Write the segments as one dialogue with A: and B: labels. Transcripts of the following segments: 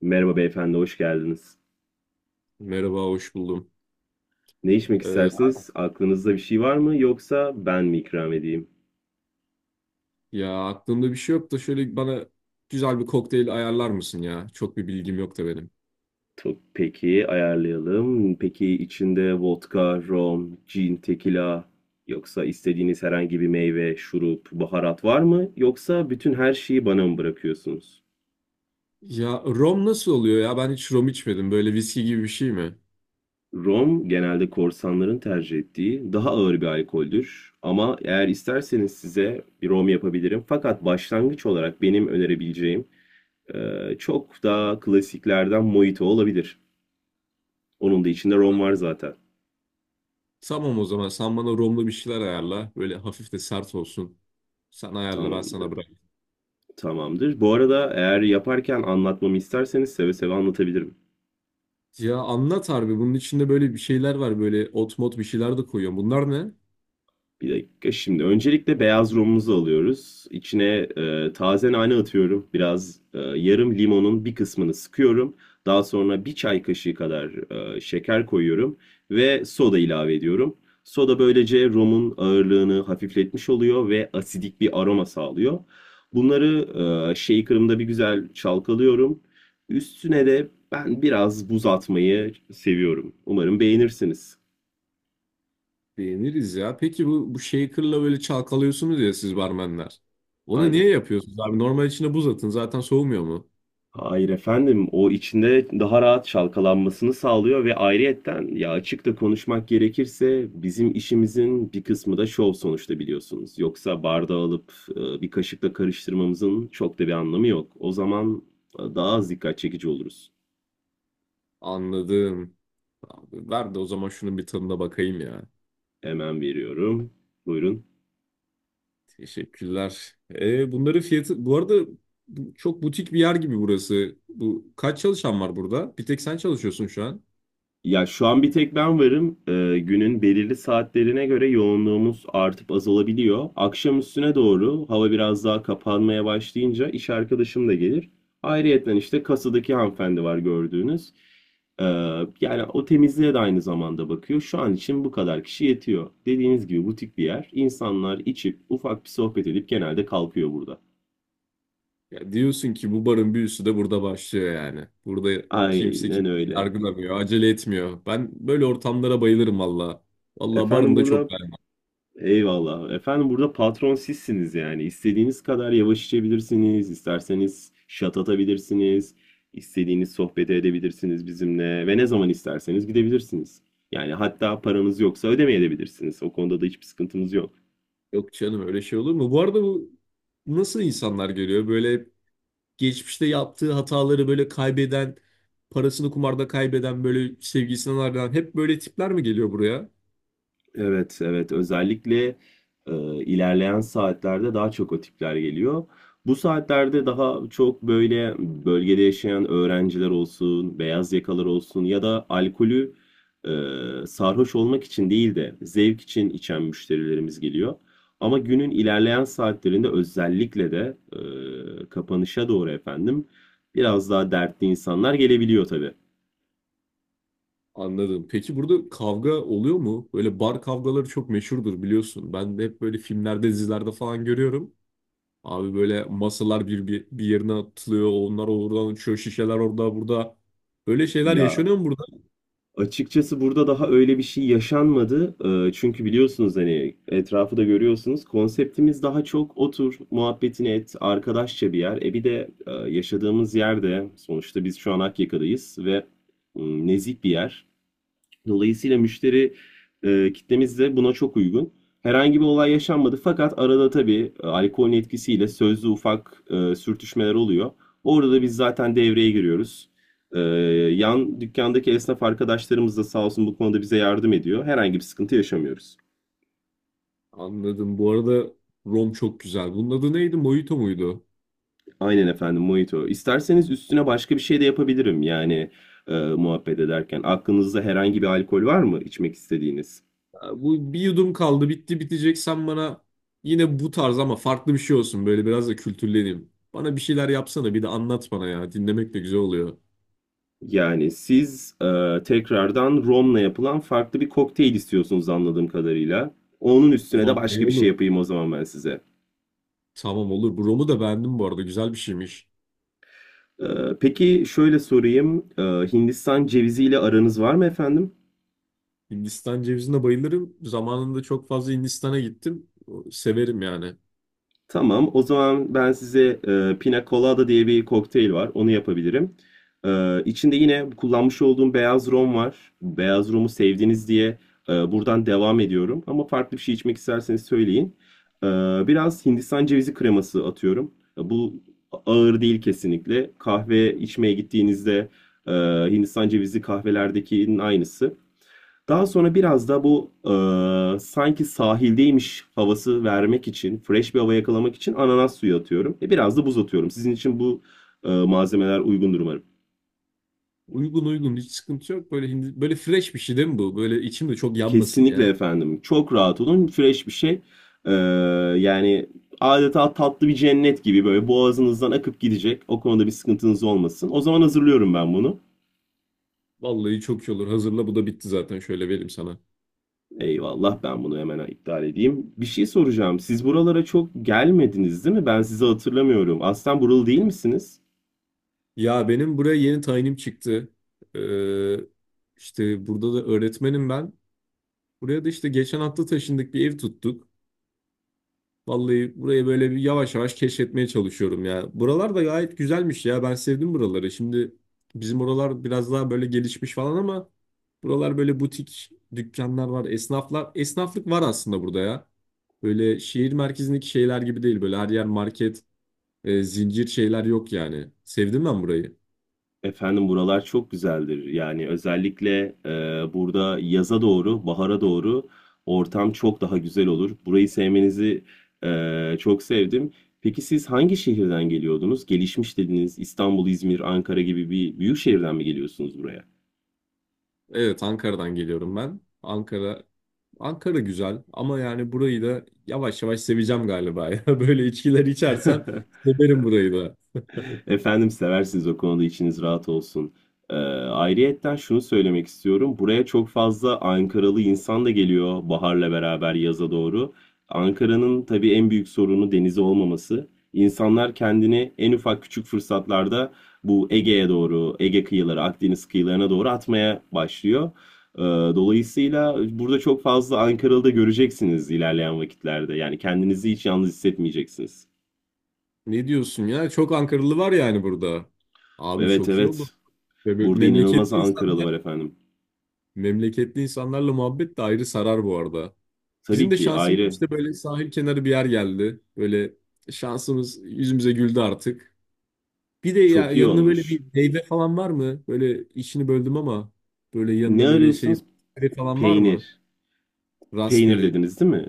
A: Merhaba beyefendi, hoş geldiniz.
B: Merhaba, hoş buldum.
A: Ne içmek
B: Ee,
A: istersiniz? Aklınızda bir şey var mı yoksa ben mi ikram edeyim?
B: Ya aklımda bir şey yok da şöyle bana güzel bir kokteyl ayarlar mısın ya? Çok bir bilgim yok da benim.
A: Peki ayarlayalım. Peki içinde vodka, rom, gin, tekila yoksa istediğiniz herhangi bir meyve, şurup, baharat var mı? Yoksa bütün her şeyi bana mı bırakıyorsunuz?
B: Ya rom nasıl oluyor ya? Ben hiç rom içmedim. Böyle viski gibi bir şey mi?
A: Rom genelde korsanların tercih ettiği daha ağır bir alkoldür. Ama eğer isterseniz size bir rom yapabilirim. Fakat başlangıç olarak benim önerebileceğim çok daha klasiklerden mojito olabilir. Onun da içinde rom var zaten.
B: Tamam o zaman sen bana romlu bir şeyler ayarla. Böyle hafif de sert olsun. Sen ayarla ben sana
A: Tamamdır.
B: bırak.
A: Tamamdır. Bu arada eğer yaparken anlatmamı isterseniz seve seve anlatabilirim.
B: Ya anlat harbi bunun içinde böyle bir şeyler var. Böyle ot mot bir şeyler de koyuyorum. Bunlar ne?
A: Bir dakika şimdi. Öncelikle beyaz romumuzu alıyoruz. İçine taze nane atıyorum. Biraz yarım limonun bir kısmını sıkıyorum. Daha sonra bir çay kaşığı kadar şeker koyuyorum ve soda ilave ediyorum. Soda böylece romun ağırlığını hafifletmiş oluyor ve asidik bir aroma sağlıyor. Bunları shaker'ımda bir güzel çalkalıyorum. Üstüne de ben biraz buz atmayı seviyorum. Umarım beğenirsiniz.
B: Beğeniriz ya. Peki bu shaker'la böyle çalkalıyorsunuz ya siz barmenler. Onu
A: Aynen.
B: niye yapıyorsunuz abi? Normal içine buz atın. Zaten soğumuyor mu?
A: Hayır efendim, o içinde daha rahat çalkalanmasını sağlıyor ve ayrıyetten ya açık da konuşmak gerekirse bizim işimizin bir kısmı da şov sonuçta biliyorsunuz. Yoksa bardağı alıp bir kaşıkla karıştırmamızın çok da bir anlamı yok. O zaman daha az dikkat çekici oluruz.
B: Anladım. Abi, ver de o zaman şunun bir tadına bakayım ya.
A: Hemen veriyorum. Buyurun.
B: Teşekkürler. Bunların fiyatı... Bu arada bu çok butik bir yer gibi burası. Bu kaç çalışan var burada? Bir tek sen çalışıyorsun şu an.
A: Ya şu an bir tek ben varım. Günün belirli saatlerine göre yoğunluğumuz artıp azalabiliyor. Akşam üstüne doğru hava biraz daha kapanmaya başlayınca iş arkadaşım da gelir. Ayrıyeten işte kasadaki hanımefendi var gördüğünüz. Ee, Yani o temizliğe de aynı zamanda bakıyor. Şu an için bu kadar kişi yetiyor. Dediğiniz gibi butik bir yer. İnsanlar içip ufak bir sohbet edip genelde kalkıyor burada.
B: Ya diyorsun ki bu barın büyüsü de burada başlıyor yani. Burada kimse
A: Aynen
B: kimseyi
A: öyle.
B: yargılamıyor, acele etmiyor. Ben böyle ortamlara bayılırım valla. Valla
A: Efendim
B: barın da
A: burada
B: çok ben.
A: Eyvallah. Efendim burada patron sizsiniz yani. İstediğiniz kadar yavaş içebilirsiniz, isterseniz şat atabilirsiniz, istediğiniz sohbeti edebilirsiniz bizimle ve ne zaman isterseniz gidebilirsiniz. Yani hatta paranız yoksa ödemeyebilirsiniz. O konuda da hiçbir sıkıntımız yok.
B: Yok canım öyle şey olur mu? Bu arada bu nasıl insanlar geliyor? Böyle geçmişte yaptığı hataları böyle kaybeden, parasını kumarda kaybeden böyle sevgisinden ayrılan hep böyle tipler mi geliyor buraya?
A: Evet, evet. Özellikle e, ilerleyen saatlerde daha çok o tipler geliyor. Bu saatlerde daha çok böyle bölgede yaşayan öğrenciler olsun, beyaz yakalar olsun ya da alkolü sarhoş olmak için değil de zevk için içen müşterilerimiz geliyor. Ama günün ilerleyen saatlerinde özellikle de kapanışa doğru efendim biraz daha dertli insanlar gelebiliyor tabii.
B: Anladım. Peki burada kavga oluyor mu? Böyle bar kavgaları çok meşhurdur biliyorsun. Ben de hep böyle filmlerde, dizilerde falan görüyorum. Abi böyle masalar bir yerine atılıyor, onlar oradan uçuyor, şişeler orada burada. Böyle şeyler
A: Ya,
B: yaşanıyor mu burada?
A: açıkçası burada daha öyle bir şey yaşanmadı. Çünkü biliyorsunuz hani etrafı da görüyorsunuz. Konseptimiz daha çok otur, muhabbetini et, arkadaşça bir yer. Bir de yaşadığımız yerde sonuçta biz şu an Akyaka'dayız ve nezih bir yer. Dolayısıyla müşteri kitlemiz de buna çok uygun. Herhangi bir olay yaşanmadı fakat arada tabii alkolün etkisiyle sözlü ufak sürtüşmeler oluyor. Orada da biz zaten devreye giriyoruz. E, Yan dükkandaki esnaf arkadaşlarımız da sağ olsun bu konuda bize yardım ediyor. Herhangi bir sıkıntı yaşamıyoruz.
B: Anladım. Bu arada rom çok güzel. Bunun adı neydi? Mojito muydu?
A: Aynen efendim, mojito. İsterseniz üstüne başka bir şey de yapabilirim yani muhabbet ederken. Aklınızda herhangi bir alkol var mı içmek istediğiniz?
B: Bu bir yudum kaldı bitti bitecek sen bana yine bu tarz ama farklı bir şey olsun böyle biraz da kültürleneyim. Bana bir şeyler yapsana bir de anlat bana ya dinlemek de güzel oluyor.
A: Yani siz tekrardan romla yapılan farklı bir kokteyl istiyorsunuz anladığım kadarıyla. Onun üstüne de
B: Vallahi
A: başka bir
B: olur.
A: şey yapayım o zaman ben size.
B: Tamam olur. Bu romu da beğendim bu arada güzel bir şeymiş.
A: E, peki şöyle sorayım. Hindistan ceviziyle aranız var mı efendim?
B: Hindistan cevizine bayılırım. Zamanında çok fazla Hindistan'a gittim. Severim yani.
A: Tamam. O zaman ben size Pina Colada diye bir kokteyl var. Onu yapabilirim. İçinde yine kullanmış olduğum beyaz rom var. Beyaz romu sevdiniz diye buradan devam ediyorum. Ama farklı bir şey içmek isterseniz söyleyin. E, Biraz Hindistan cevizi kreması atıyorum. Bu ağır değil kesinlikle. Kahve içmeye gittiğinizde e, Hindistan cevizi kahvelerdekinin aynısı. Daha sonra biraz da bu sanki sahildeymiş havası vermek için, fresh bir hava yakalamak için ananas suyu atıyorum. Biraz da buz atıyorum. Sizin için bu malzemeler uygundur umarım.
B: Uygun uygun hiç sıkıntı yok. Böyle böyle fresh bir şey değil mi bu? Böyle içim de çok yanmasın
A: Kesinlikle
B: ya.
A: efendim. Çok rahat olun. Fresh bir şey. E, Yani adeta tatlı bir cennet gibi böyle boğazınızdan akıp gidecek. O konuda bir sıkıntınız olmasın. O zaman hazırlıyorum ben bunu.
B: Vallahi çok iyi olur. Hazırla bu da bitti zaten şöyle vereyim sana.
A: Eyvallah, ben bunu hemen iptal edeyim. Bir şey soracağım. Siz buralara çok gelmediniz değil mi? Ben sizi hatırlamıyorum. Aslen buralı değil misiniz?
B: Ya benim buraya yeni tayinim çıktı. Ee, işte burada da öğretmenim ben. Buraya da işte geçen hafta taşındık bir ev tuttuk. Vallahi burayı böyle bir yavaş yavaş keşfetmeye çalışıyorum ya. Buralar da gayet güzelmiş ya. Ben sevdim buraları. Şimdi bizim oralar biraz daha böyle gelişmiş falan ama buralar böyle butik dükkanlar var, esnaflar. Esnaflık var aslında burada ya. Böyle şehir merkezindeki şeyler gibi değil. Böyle her yer market, zincir şeyler yok yani. Sevdim ben burayı.
A: Efendim, buralar çok güzeldir. Yani özellikle burada yaza doğru, bahara doğru ortam çok daha güzel olur. Burayı sevmenizi çok sevdim. Peki siz hangi şehirden geliyordunuz? Gelişmiş dediniz. İstanbul, İzmir, Ankara gibi bir büyük şehirden mi geliyorsunuz buraya?
B: Evet, Ankara'dan geliyorum ben. Ankara güzel ama yani burayı da yavaş yavaş seveceğim galiba ya. Böyle içkiler içersen severim burayı da.
A: Efendim seversiniz, o konuda içiniz rahat olsun. Ee, Ayrıyetten şunu söylemek istiyorum. Buraya çok fazla Ankaralı insan da geliyor baharla beraber yaza doğru. Ankara'nın tabii en büyük sorunu denizi olmaması. İnsanlar kendini en ufak küçük fırsatlarda bu Ege'ye doğru, Ege kıyıları, Akdeniz kıyılarına doğru atmaya başlıyor. Ee, Dolayısıyla burada çok fazla Ankaralı da göreceksiniz ilerleyen vakitlerde. Yani kendinizi hiç yalnız hissetmeyeceksiniz.
B: Ne diyorsun ya? Çok Ankaralı var yani burada. Abi
A: Evet
B: çok iyi oldu.
A: evet.
B: Ve böyle
A: Burada inanılmaz Ankaralı var efendim.
B: Memleketli insanlarla muhabbet de ayrı sarar bu arada.
A: Tabii
B: Bizim de
A: ki
B: şansımız
A: ayrı.
B: işte böyle sahil kenarı bir yer geldi. Böyle şansımız yüzümüze güldü artık. Bir de ya
A: Çok iyi
B: yanına böyle
A: olmuş.
B: bir meyve falan var mı? Böyle işini böldüm ama böyle
A: Ne
B: yanına böyle şey
A: arıyorsunuz?
B: raspberry falan var mı?
A: Peynir. Peynir
B: Raspberry.
A: dediniz değil mi?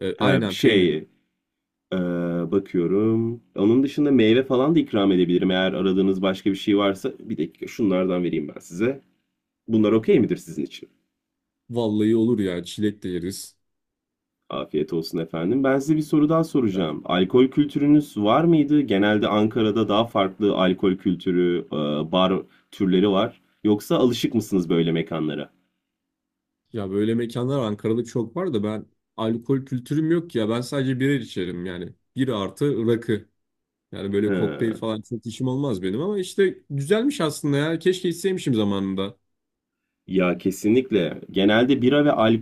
A: Ha, bir
B: Aynen peynir.
A: şey. ee, Bakıyorum. Onun dışında meyve falan da ikram edebilirim. Eğer aradığınız başka bir şey varsa bir dakika şunlardan vereyim ben size. Bunlar okey midir sizin için?
B: Vallahi olur ya çilek de yeriz.
A: Afiyet olsun efendim. Ben size bir soru daha soracağım. Alkol kültürünüz var mıydı? Genelde Ankara'da daha farklı alkol kültürü, bar türleri var. Yoksa alışık mısınız böyle mekanlara?
B: Ya böyle mekanlar Ankara'da çok var da ben alkol kültürüm yok ya. Ben sadece birer içerim yani. Bir artı rakı. Yani böyle
A: He.
B: kokteyl falan çok işim olmaz benim ama işte güzelmiş aslında ya. Keşke içseymişim zamanında.
A: Ya kesinlikle. Genelde bira ve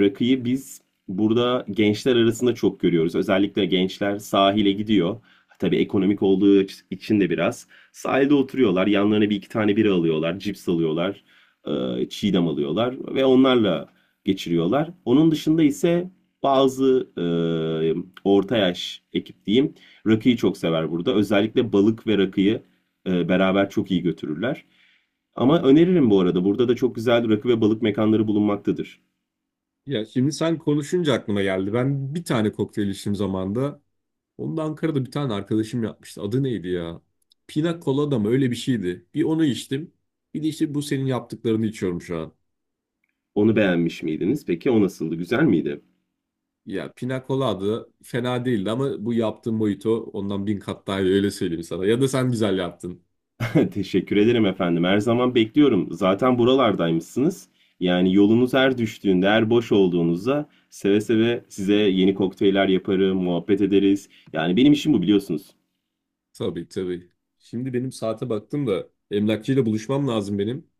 A: rakıyı biz burada gençler arasında çok görüyoruz. Özellikle gençler sahile gidiyor. Tabii ekonomik olduğu için de biraz. Sahilde oturuyorlar. Yanlarına bir iki tane bira alıyorlar. Cips alıyorlar. Çiğdem alıyorlar. Ve onlarla geçiriyorlar. Onun dışında ise bazı orta yaş ekip diyeyim. Rakıyı çok sever burada. Özellikle balık ve rakıyı beraber çok iyi götürürler. Ama öneririm bu arada. Burada da çok güzel rakı ve balık mekanları bulunmaktadır.
B: Ya şimdi sen konuşunca aklıma geldi. Ben bir tane kokteyl içtim zamanında. Onu da Ankara'da bir tane arkadaşım yapmıştı. Adı neydi ya? Pina Colada mı? Öyle bir şeydi. Bir onu içtim. Bir de işte bu senin yaptıklarını içiyorum şu an.
A: Onu beğenmiş miydiniz? Peki o nasıldı? Güzel miydi?
B: Ya Pina Colada fena değildi ama bu yaptığın mojito ondan bin kat daha iyi öyle söyleyeyim sana. Ya da sen güzel yaptın.
A: Teşekkür ederim efendim. Her zaman bekliyorum. Zaten buralardaymışsınız. Yani yolunuz her düştüğünde, her boş olduğunuzda seve seve size yeni kokteyller yaparım, muhabbet ederiz. Yani benim işim bu biliyorsunuz.
B: Tabii tabii. Şimdi benim saate baktım da emlakçıyla buluşmam lazım benim.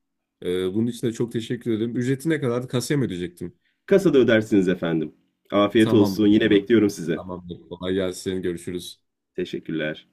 B: Bunun için de çok teşekkür ederim. Ücreti ne kadardı? Kasaya mı ödeyecektim?
A: Kasada ödersiniz efendim. Afiyet olsun.
B: Tamamdır o
A: Yine
B: zaman.
A: bekliyorum size.
B: Tamamdır. Kolay gelsin. Görüşürüz.
A: Teşekkürler.